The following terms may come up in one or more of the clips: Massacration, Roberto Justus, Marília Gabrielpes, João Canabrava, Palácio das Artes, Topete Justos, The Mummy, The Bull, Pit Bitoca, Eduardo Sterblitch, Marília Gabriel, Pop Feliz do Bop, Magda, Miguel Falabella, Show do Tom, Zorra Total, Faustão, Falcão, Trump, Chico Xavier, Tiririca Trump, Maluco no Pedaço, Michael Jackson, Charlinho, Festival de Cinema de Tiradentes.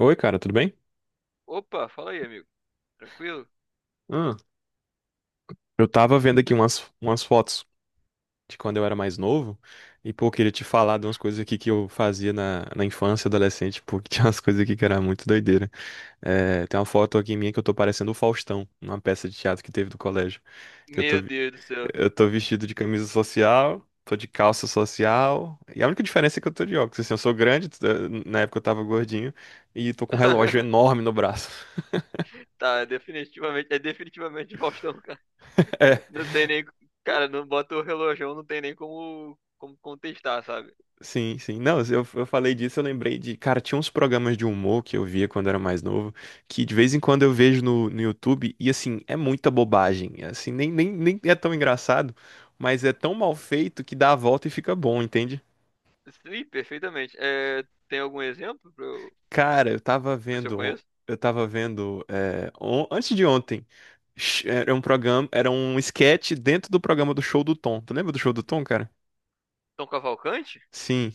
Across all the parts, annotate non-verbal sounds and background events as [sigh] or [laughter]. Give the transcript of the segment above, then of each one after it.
Oi, cara, tudo bem? Opa, fala aí, amigo. Tranquilo? Ah, eu tava vendo aqui Tch- umas fotos de quando eu era mais novo e, pô, eu queria te falar de umas coisas aqui que eu fazia na infância, adolescente, porque [laughs] tinha umas coisas aqui que era muito doideira. É, tem uma foto aqui minha que eu tô parecendo o Faustão, numa peça de teatro que teve do colégio, que eu Meu Deus do céu. eu tô vestido de camisa social, tô de calça social e a única diferença é que eu tô de óculos, assim, eu sou grande, na época eu tava gordinho e tô com um relógio [laughs] enorme no braço. Tá, é definitivamente Faustão, cara. [laughs] Não tem nem, cara, não bota o relógio, não tem nem como, como contestar, sabe? Sim, sim. Não, eu falei disso, eu lembrei de. Cara, tinha uns programas de humor que eu via quando era mais novo, que de vez em quando eu vejo no YouTube, e assim, é muita bobagem. Assim, nem é tão engraçado, mas é tão mal feito que dá a volta e fica bom, entende? Sim, perfeitamente. É, tem algum exemplo pra eu, Cara, eu tava pra eu se eu vendo. conheço? Eu tava vendo. Antes de ontem, era um programa, era um sketch dentro do programa do Show do Tom. Tu lembra do Show do Tom, cara? Tom Cavalcante? Sim.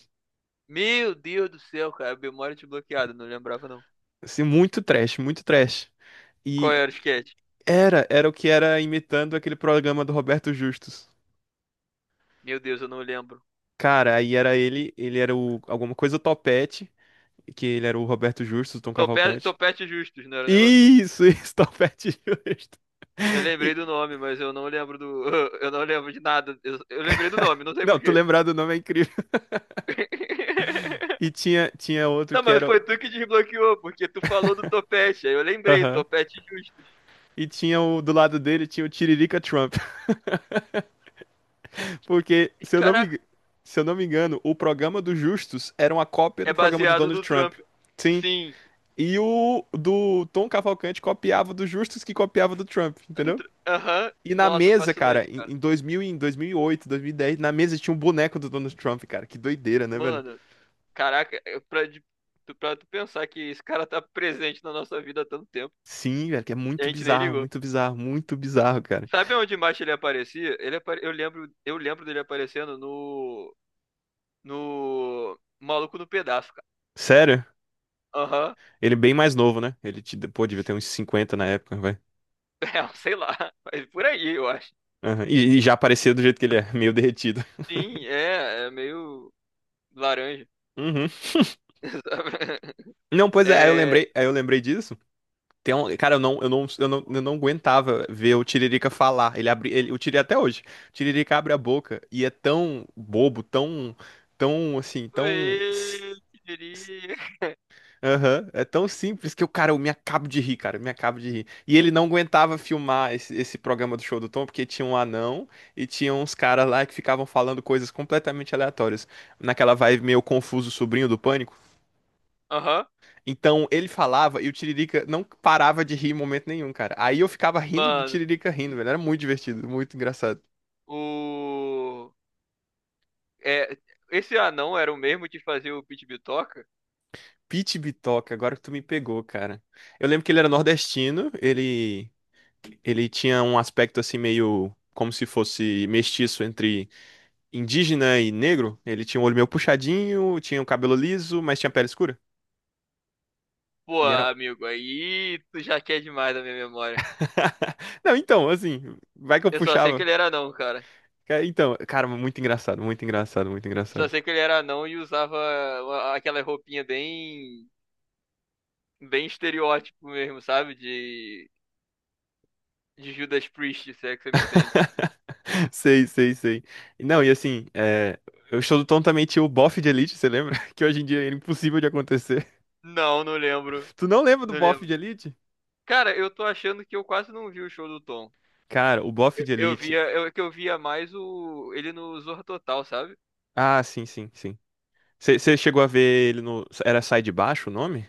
Meu Deus do céu, cara, memória desbloqueada, não lembrava não. Assim, muito trash, muito trash. Qual era o sketch? Era o que era imitando aquele programa do Roberto Justus. Meu Deus, eu não lembro. Cara, aí era ele, ele era o alguma coisa Topete, que ele era o Roberto Justus, o Tom Topete, Cavalcante. Topete justos, não era um negocinho? Isso, [laughs] Topete Justo. Eu lembrei E- do nome, mas eu não lembro do. [laughs] Eu não lembro de nada. Eu lembrei do nome, não sei não, tu porquê. lembrar do nome é incrível. E [laughs] tinha outro Não, que mas era. foi tu que desbloqueou, porque tu falou do topete. Aí eu lembrei, Aham. topete justos. E tinha o do lado dele, tinha o Tiririca Trump. [laughs] Porque, E, caraca, se eu não me engano, o programa do Justus era uma cópia é do programa do baseado Donald no Trump. Trump. Sim. Sim. E o do Tom Cavalcante copiava do Justus que copiava do Trump, entendeu? Aham. E na Nossa, mesa, cara, fascinante, em cara. em 2000, e em 2008, 2010, na mesa tinha um boneco do Donald Trump, cara. Que doideira, né, velho? Mano, caraca, pra tu pensar que esse cara tá presente na nossa vida há tanto tempo. Sim, velho, que é E muito a gente nem bizarro, ligou. muito bizarro, muito bizarro, cara. Sabe onde mais ele aparecia? Eu lembro dele aparecendo no Maluco no Pedaço, cara. Sério? Aham. [laughs] Ele é bem mais novo, né? Pô, devia ter uns 50 na época, vai. É, sei lá. Mas por aí, eu acho. Aham. E já aparecia do jeito que ele é, [laughs] meio derretido. Sim, é, é meio laranja. Uhum. [laughs] sabe? Não, pois é, É. Aí eu lembrei disso. Tem um, cara, eu não aguentava ver o Tiririca falar. Ele abre, ele, o Tiririca até hoje. O Tiririca abre a boca e é tão bobo, tão, tão assim, Oi, que s- diria. aham, é tão simples que o cara, eu me acabo de rir, cara, eu me acabo de rir. E ele não aguentava filmar esse programa do Show do Tom, porque tinha um anão e tinha uns caras lá que ficavam falando coisas completamente aleatórias. Naquela vibe meio confuso, sobrinho do pânico. Aham. Então ele falava e o Tiririca não parava de rir em momento nenhum, cara. Aí eu ficava rindo do Mano, Tiririca rindo, velho. Era muito divertido, muito engraçado. o. É, esse anão era o mesmo de fazer o Pit Bitoca? Pete Bitoca, agora que tu me pegou, cara. Eu lembro que ele era nordestino, ele tinha um aspecto assim meio como se fosse mestiço entre indígena e negro. Ele tinha um olho meio puxadinho, tinha um cabelo liso, mas tinha pele escura. Pô, E era amigo, aí tu já quer demais da minha memória. [laughs] não, então, assim, vai que eu Eu só sei que puxava. ele era anão, cara. Então, cara, muito engraçado, muito engraçado, muito Eu só engraçado. sei que ele era anão e usava aquela roupinha bem estereótipo mesmo, sabe? De Judas Priest, se é que você me [laughs] entende. [laughs] Sei, sei, sei. Não, e assim, eu estou também tinha o bofe de Elite, você lembra? [laughs] Que hoje em dia é impossível de acontecer. Não, não lembro. [laughs] Tu não lembra do Não bofe lembro. de Elite? Cara, eu tô achando que eu quase não vi o show do Tom. Cara, o bofe Eu, de eu via, Elite. eu que eu via mais o ele no Zorra Total, sabe? Ah, sim, sim, sim. Você chegou a ver ele no. Era Sai de Baixo o nome?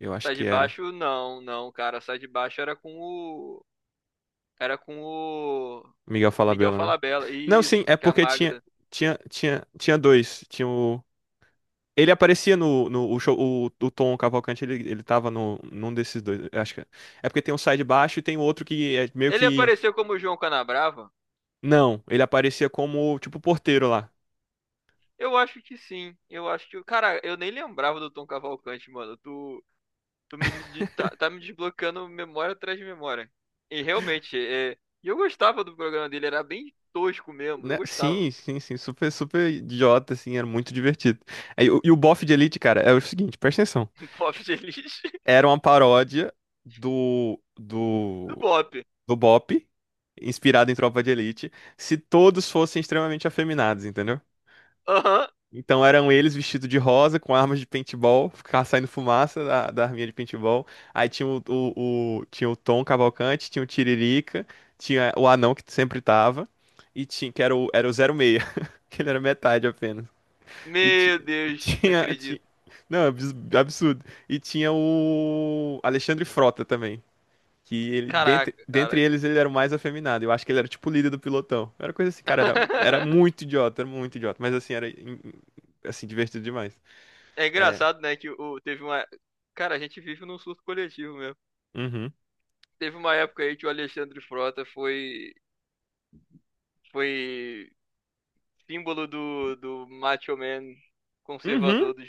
Eu acho Sai que de era. baixo, não, não, cara. Sai de baixo era com o. Era com o. Miguel Miguel Falabella, né? Falabella. Não, sim, Isso, é que é a porque tinha. Magda. Tinha dois. Tinha o. Ele aparecia no, no o show, o Tom Cavalcante, ele tava no, num desses dois. Eu Acho que é é porque tem um sai de baixo e tem outro que é meio Ele que apareceu como João Canabrava? não, ele aparecia como, tipo, porteiro lá. Eu acho que sim. Eu acho que. Cara, eu nem lembrava do Tom Cavalcante, mano. Tá, tá me desbloqueando memória atrás de memória. E realmente, é, e eu gostava do programa dele, era bem tosco mesmo, eu Né? gostava. Sim, sim, sim. Super, super idiota, assim. Era muito divertido. E o bofe de Elite, cara, é o seguinte, presta atenção. [laughs] pop Feliz Era uma paródia do, do do, Bop. do Bop, inspirado em Tropa de Elite, se todos fossem extremamente afeminados, entendeu? Aham. Então eram eles vestidos de rosa, com armas de paintball, ficava saindo fumaça da arminha de paintball. Aí tinha o- Tinha o Tom Cavalcante, tinha o Tiririca, tinha o anão que sempre tava, e tinha, que era o 06, [laughs] que ele era metade apenas. E, ti- Meu e Deus, não tinha, ti- acredito. Não, é absurdo. E tinha o Alexandre Frota também. Que ele, dentre, Caraca, dentre cara. eles, ele era o mais afeminado. Eu acho que ele era tipo o líder do pilotão. Era coisa assim, cara, era [laughs] muito idiota, era muito idiota. Mas assim, assim, divertido demais. É É. engraçado, né, que o, teve uma... Cara, a gente vive num surto coletivo mesmo. Uhum. Teve uma época aí que o Alexandre Frota foi símbolo do macho man Uhum. conservador dos,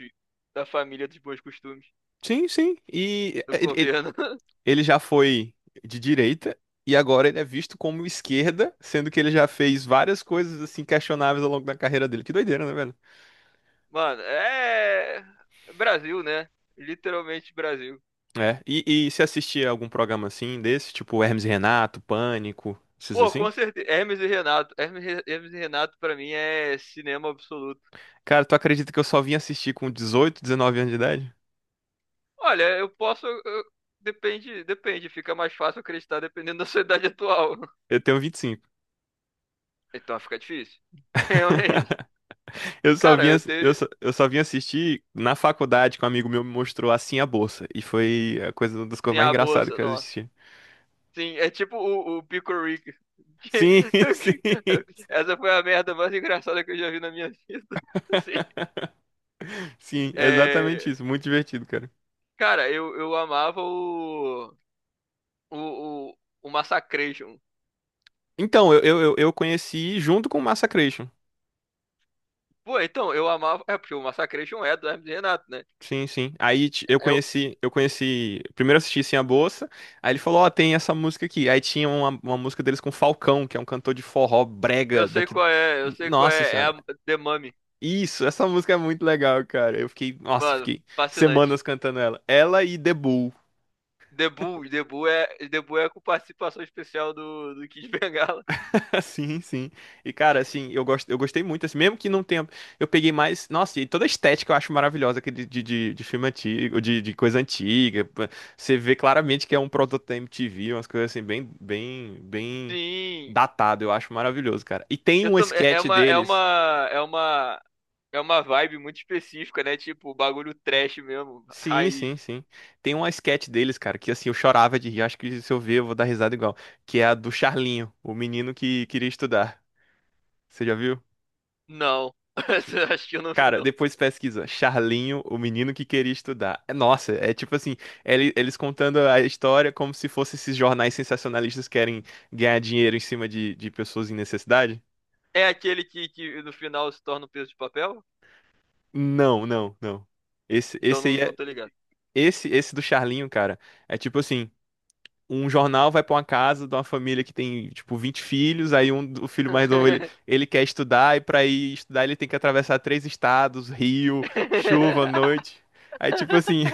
da família dos bons costumes Sim, sim. E do ele, ele, governo. [laughs] ele já foi de direita e agora ele é visto como esquerda, sendo que ele já fez várias coisas assim questionáveis ao longo da carreira dele. Que doideira, né, velho? Mano, é. Brasil, né? Literalmente Brasil. É. E se assistir algum programa assim desse, tipo Hermes e Renato, Pânico, esses Pô, assim? com certeza. Hermes e Renato, pra mim, é cinema absoluto. Cara, tu acredita que eu só vim assistir com 18, 19 anos de idade? Olha, eu posso. Eu- Depende, depende. Fica mais fácil acreditar dependendo da sua idade atual. [laughs] Eu tenho 25. Então fica difícil. [laughs] Realmente. [laughs] Eu só Cara, vim, eu tenho. Eu só vim assistir na faculdade que um amigo meu me mostrou assim a bolsa. E foi a coisa, uma das coisas Sim, mais a engraçadas bolsa, que eu nossa. assisti. Sim, é tipo o Pico Rick. Que- Sim, [laughs] sim. [laughs] Essa foi a merda mais engraçada que eu já vi na minha [laughs] vida. Assim, [laughs] Sim, é exatamente isso. Muito divertido, cara. Cara, eu amava o, o, o Massacration. Então, eu conheci junto com o Massacration. Pô, então, eu amava. É, porque o Massacration é do Hermes e Renato, né? Sim, sim. Eu Eu, conheci, eu conheci. Primeiro eu assisti Sem a Bolsa. Aí ele falou, ó, tem essa música aqui. Aí tinha uma música deles com Falcão, que é um cantor de forró brega eu sei daqui. qual é, eu Hum, sei qual nossa é. É senhora. a The Mummy. Isso, essa música é muito legal, cara. Eu fiquei, nossa, eu Mano, fiquei fascinante. semanas cantando ela. Ela e The Bull. The Bull é com participação especial do Kid [laughs] Bengala. [laughs] Sim, sim. E cara, assim, eu gosto, eu gostei muito, assim, mesmo que não tenha, eu peguei mais, nossa, e toda a estética eu acho maravilhosa aquele de filme antigo, de coisa antiga. Pô. Você vê claramente que é um produto da MTV, umas coisas assim bem Sim, datado, eu acho maravilhoso, cara. E tem eu um também. Sketch deles. É uma vibe muito específica, né? Tipo, bagulho trash mesmo, Sim, raiz. sim, sim. Tem um sketch deles, cara, que assim, eu chorava de rir, acho que se eu ver eu vou dar risada igual, que é a do Charlinho, o menino que queria estudar. Você já viu? Não, [laughs] acho que eu não vi, Cara, depois pesquisa. Charlinho, o menino que queria estudar. É, nossa, é tipo assim, eles contando a história como se fosse esses jornais sensacionalistas que querem ganhar dinheiro em cima de pessoas em necessidade. É aquele que no final se torna um peso de papel? Não, não, não. Esse, Então esse não, aí não é. tô ligado. Esse do Charlinho, cara, é tipo assim, um jornal vai pra uma casa de uma família que tem, tipo, 20 filhos, aí um, o filho mais novo, ele quer estudar, e pra ir estudar ele tem que atravessar três estados, rio, chuva, [laughs] noite. Aí, tipo assim,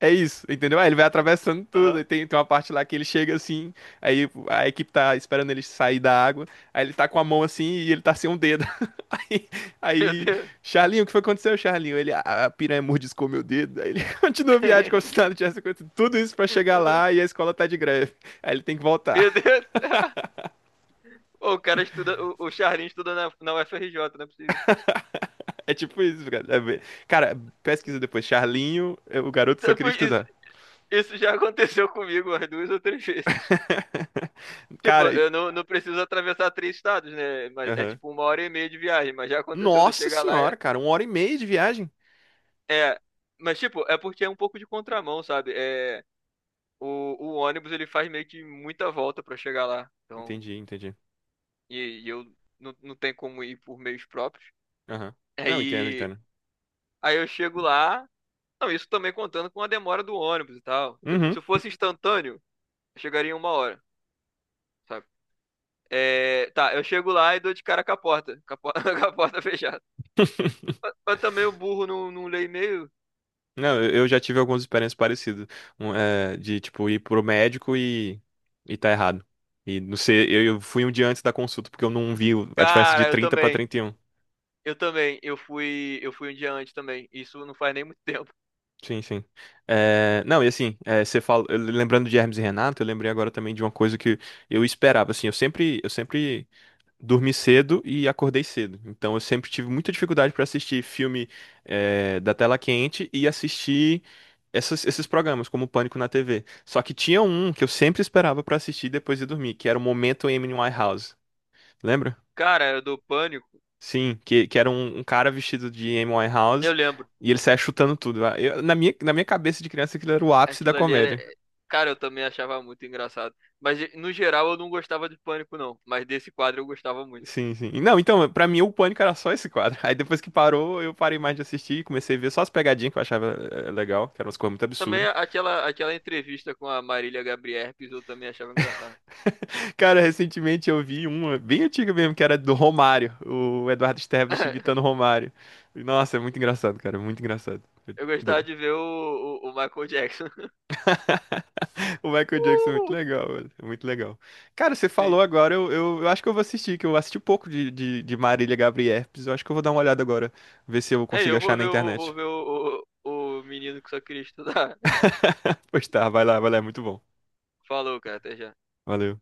é isso, entendeu? Aí ele vai atravessando tudo. Aí Aham. Tem, tem uma parte lá que ele chega assim, aí a equipe tá esperando ele sair da água. Aí ele tá com a mão assim e ele tá sem um dedo. [laughs] Aí, Meu aí Deus. Charlinho, o que foi que aconteceu, Charlinho? Ele, a piranha mordiscou meu dedo." Aí ele [laughs] continua a viagem como se nada [laughs] tivesse acontecido. Tudo isso pra chegar lá e a escola tá de greve. Aí ele tem que voltar. Meu [laughs] Deus. O cara estuda, o Charlinho estuda na UFRJ, não é possível. É tipo isso, cara. Cara, pesquisa depois. Charlinho, é, o garoto só Tipo, queria Isso, estudar. isso já aconteceu comigo umas duas ou três vezes. [laughs] Tipo, Cara, e- eu não, não preciso atravessar três estados, né? Mas é Aham. tipo uma hora e meia de viagem, mas já aconteceu de eu Nossa chegar lá. Senhora, cara, uma hora e meia de viagem. é. Mas tipo, é porque é um pouco de contramão, sabe? É, o ônibus ele faz meio que muita volta pra chegar lá. Então, Entendi, entendi. E eu não tenho como ir por meios próprios. Aham. Não, entendo, Aí, entendo. aí eu chego lá. Não, isso também contando com a demora do ônibus e tal. Uhum. Se eu fosse instantâneo, eu chegaria em uma hora, sabe? É, tá, eu chego lá e dou de cara [laughs] com a porta fechada. Mas, [laughs] mas também o burro não lê e-mail. Não, eu já tive algumas experiências parecidas. Um, é, de, tipo, ir pro médico e tá errado. E não sei, eu fui um dia antes da consulta, porque eu não vi a diferença de Cara, eu 30 pra também. trinta e um. Eu também. Eu fui um dia antes também. Isso não faz nem muito tempo. Sim, sim. É, não, e assim, é, você fala, lembrando de Hermes e Renato, eu lembrei agora também de uma coisa que eu esperava, assim, eu sempre dormi cedo e acordei cedo. Então eu sempre tive muita dificuldade pra assistir filme, é, da tela quente e assistir esses programas, como o Pânico na TV. Só que tinha um que eu sempre esperava pra assistir depois de dormir, que era o Momento Amy Winehouse. Lembra? Cara, eu dou pânico. Sim, que era um, um cara vestido de Amy Eu Winehouse lembro. e ele saia chutando tudo. Na minha, na minha cabeça de criança, aquilo era o ápice da Aquilo ali era. comédia. É, Cara, eu também achava muito engraçado. Mas no geral eu não gostava de Pânico, não. Mas desse quadro eu gostava muito. Sim, sim. Não, então, pra mim o Pânico era só esse quadro. [laughs] Aí depois que parou, eu parei mais de assistir e comecei a ver só as pegadinhas que eu achava legal, que eram umas coisas muito Também absurdas. Aquela entrevista com a Marília Gabrielpes eu também achava engraçado. Cara, recentemente eu vi uma bem antiga mesmo, que era do Romário, o Eduardo Sterblitch imitando o [laughs] Romário. Nossa, é muito engraçado, cara, é muito engraçado. Eu Eu gostava dou- de ver o Michael Jackson. [laughs] [laughs] O Michael Jackson é muito Uh, legal, velho, é muito legal. Cara, você sim. falou agora, eu acho que eu vou assistir, que eu assisti um pouco de Marília Gabriel. Eu acho que eu vou dar uma olhada agora, ver se eu É, consigo eu achar vou na ver o, internet. vou ver o menino que só queria estudar. [laughs] Pois tá, vai lá, é muito bom. Falou, cara, até já. Valeu.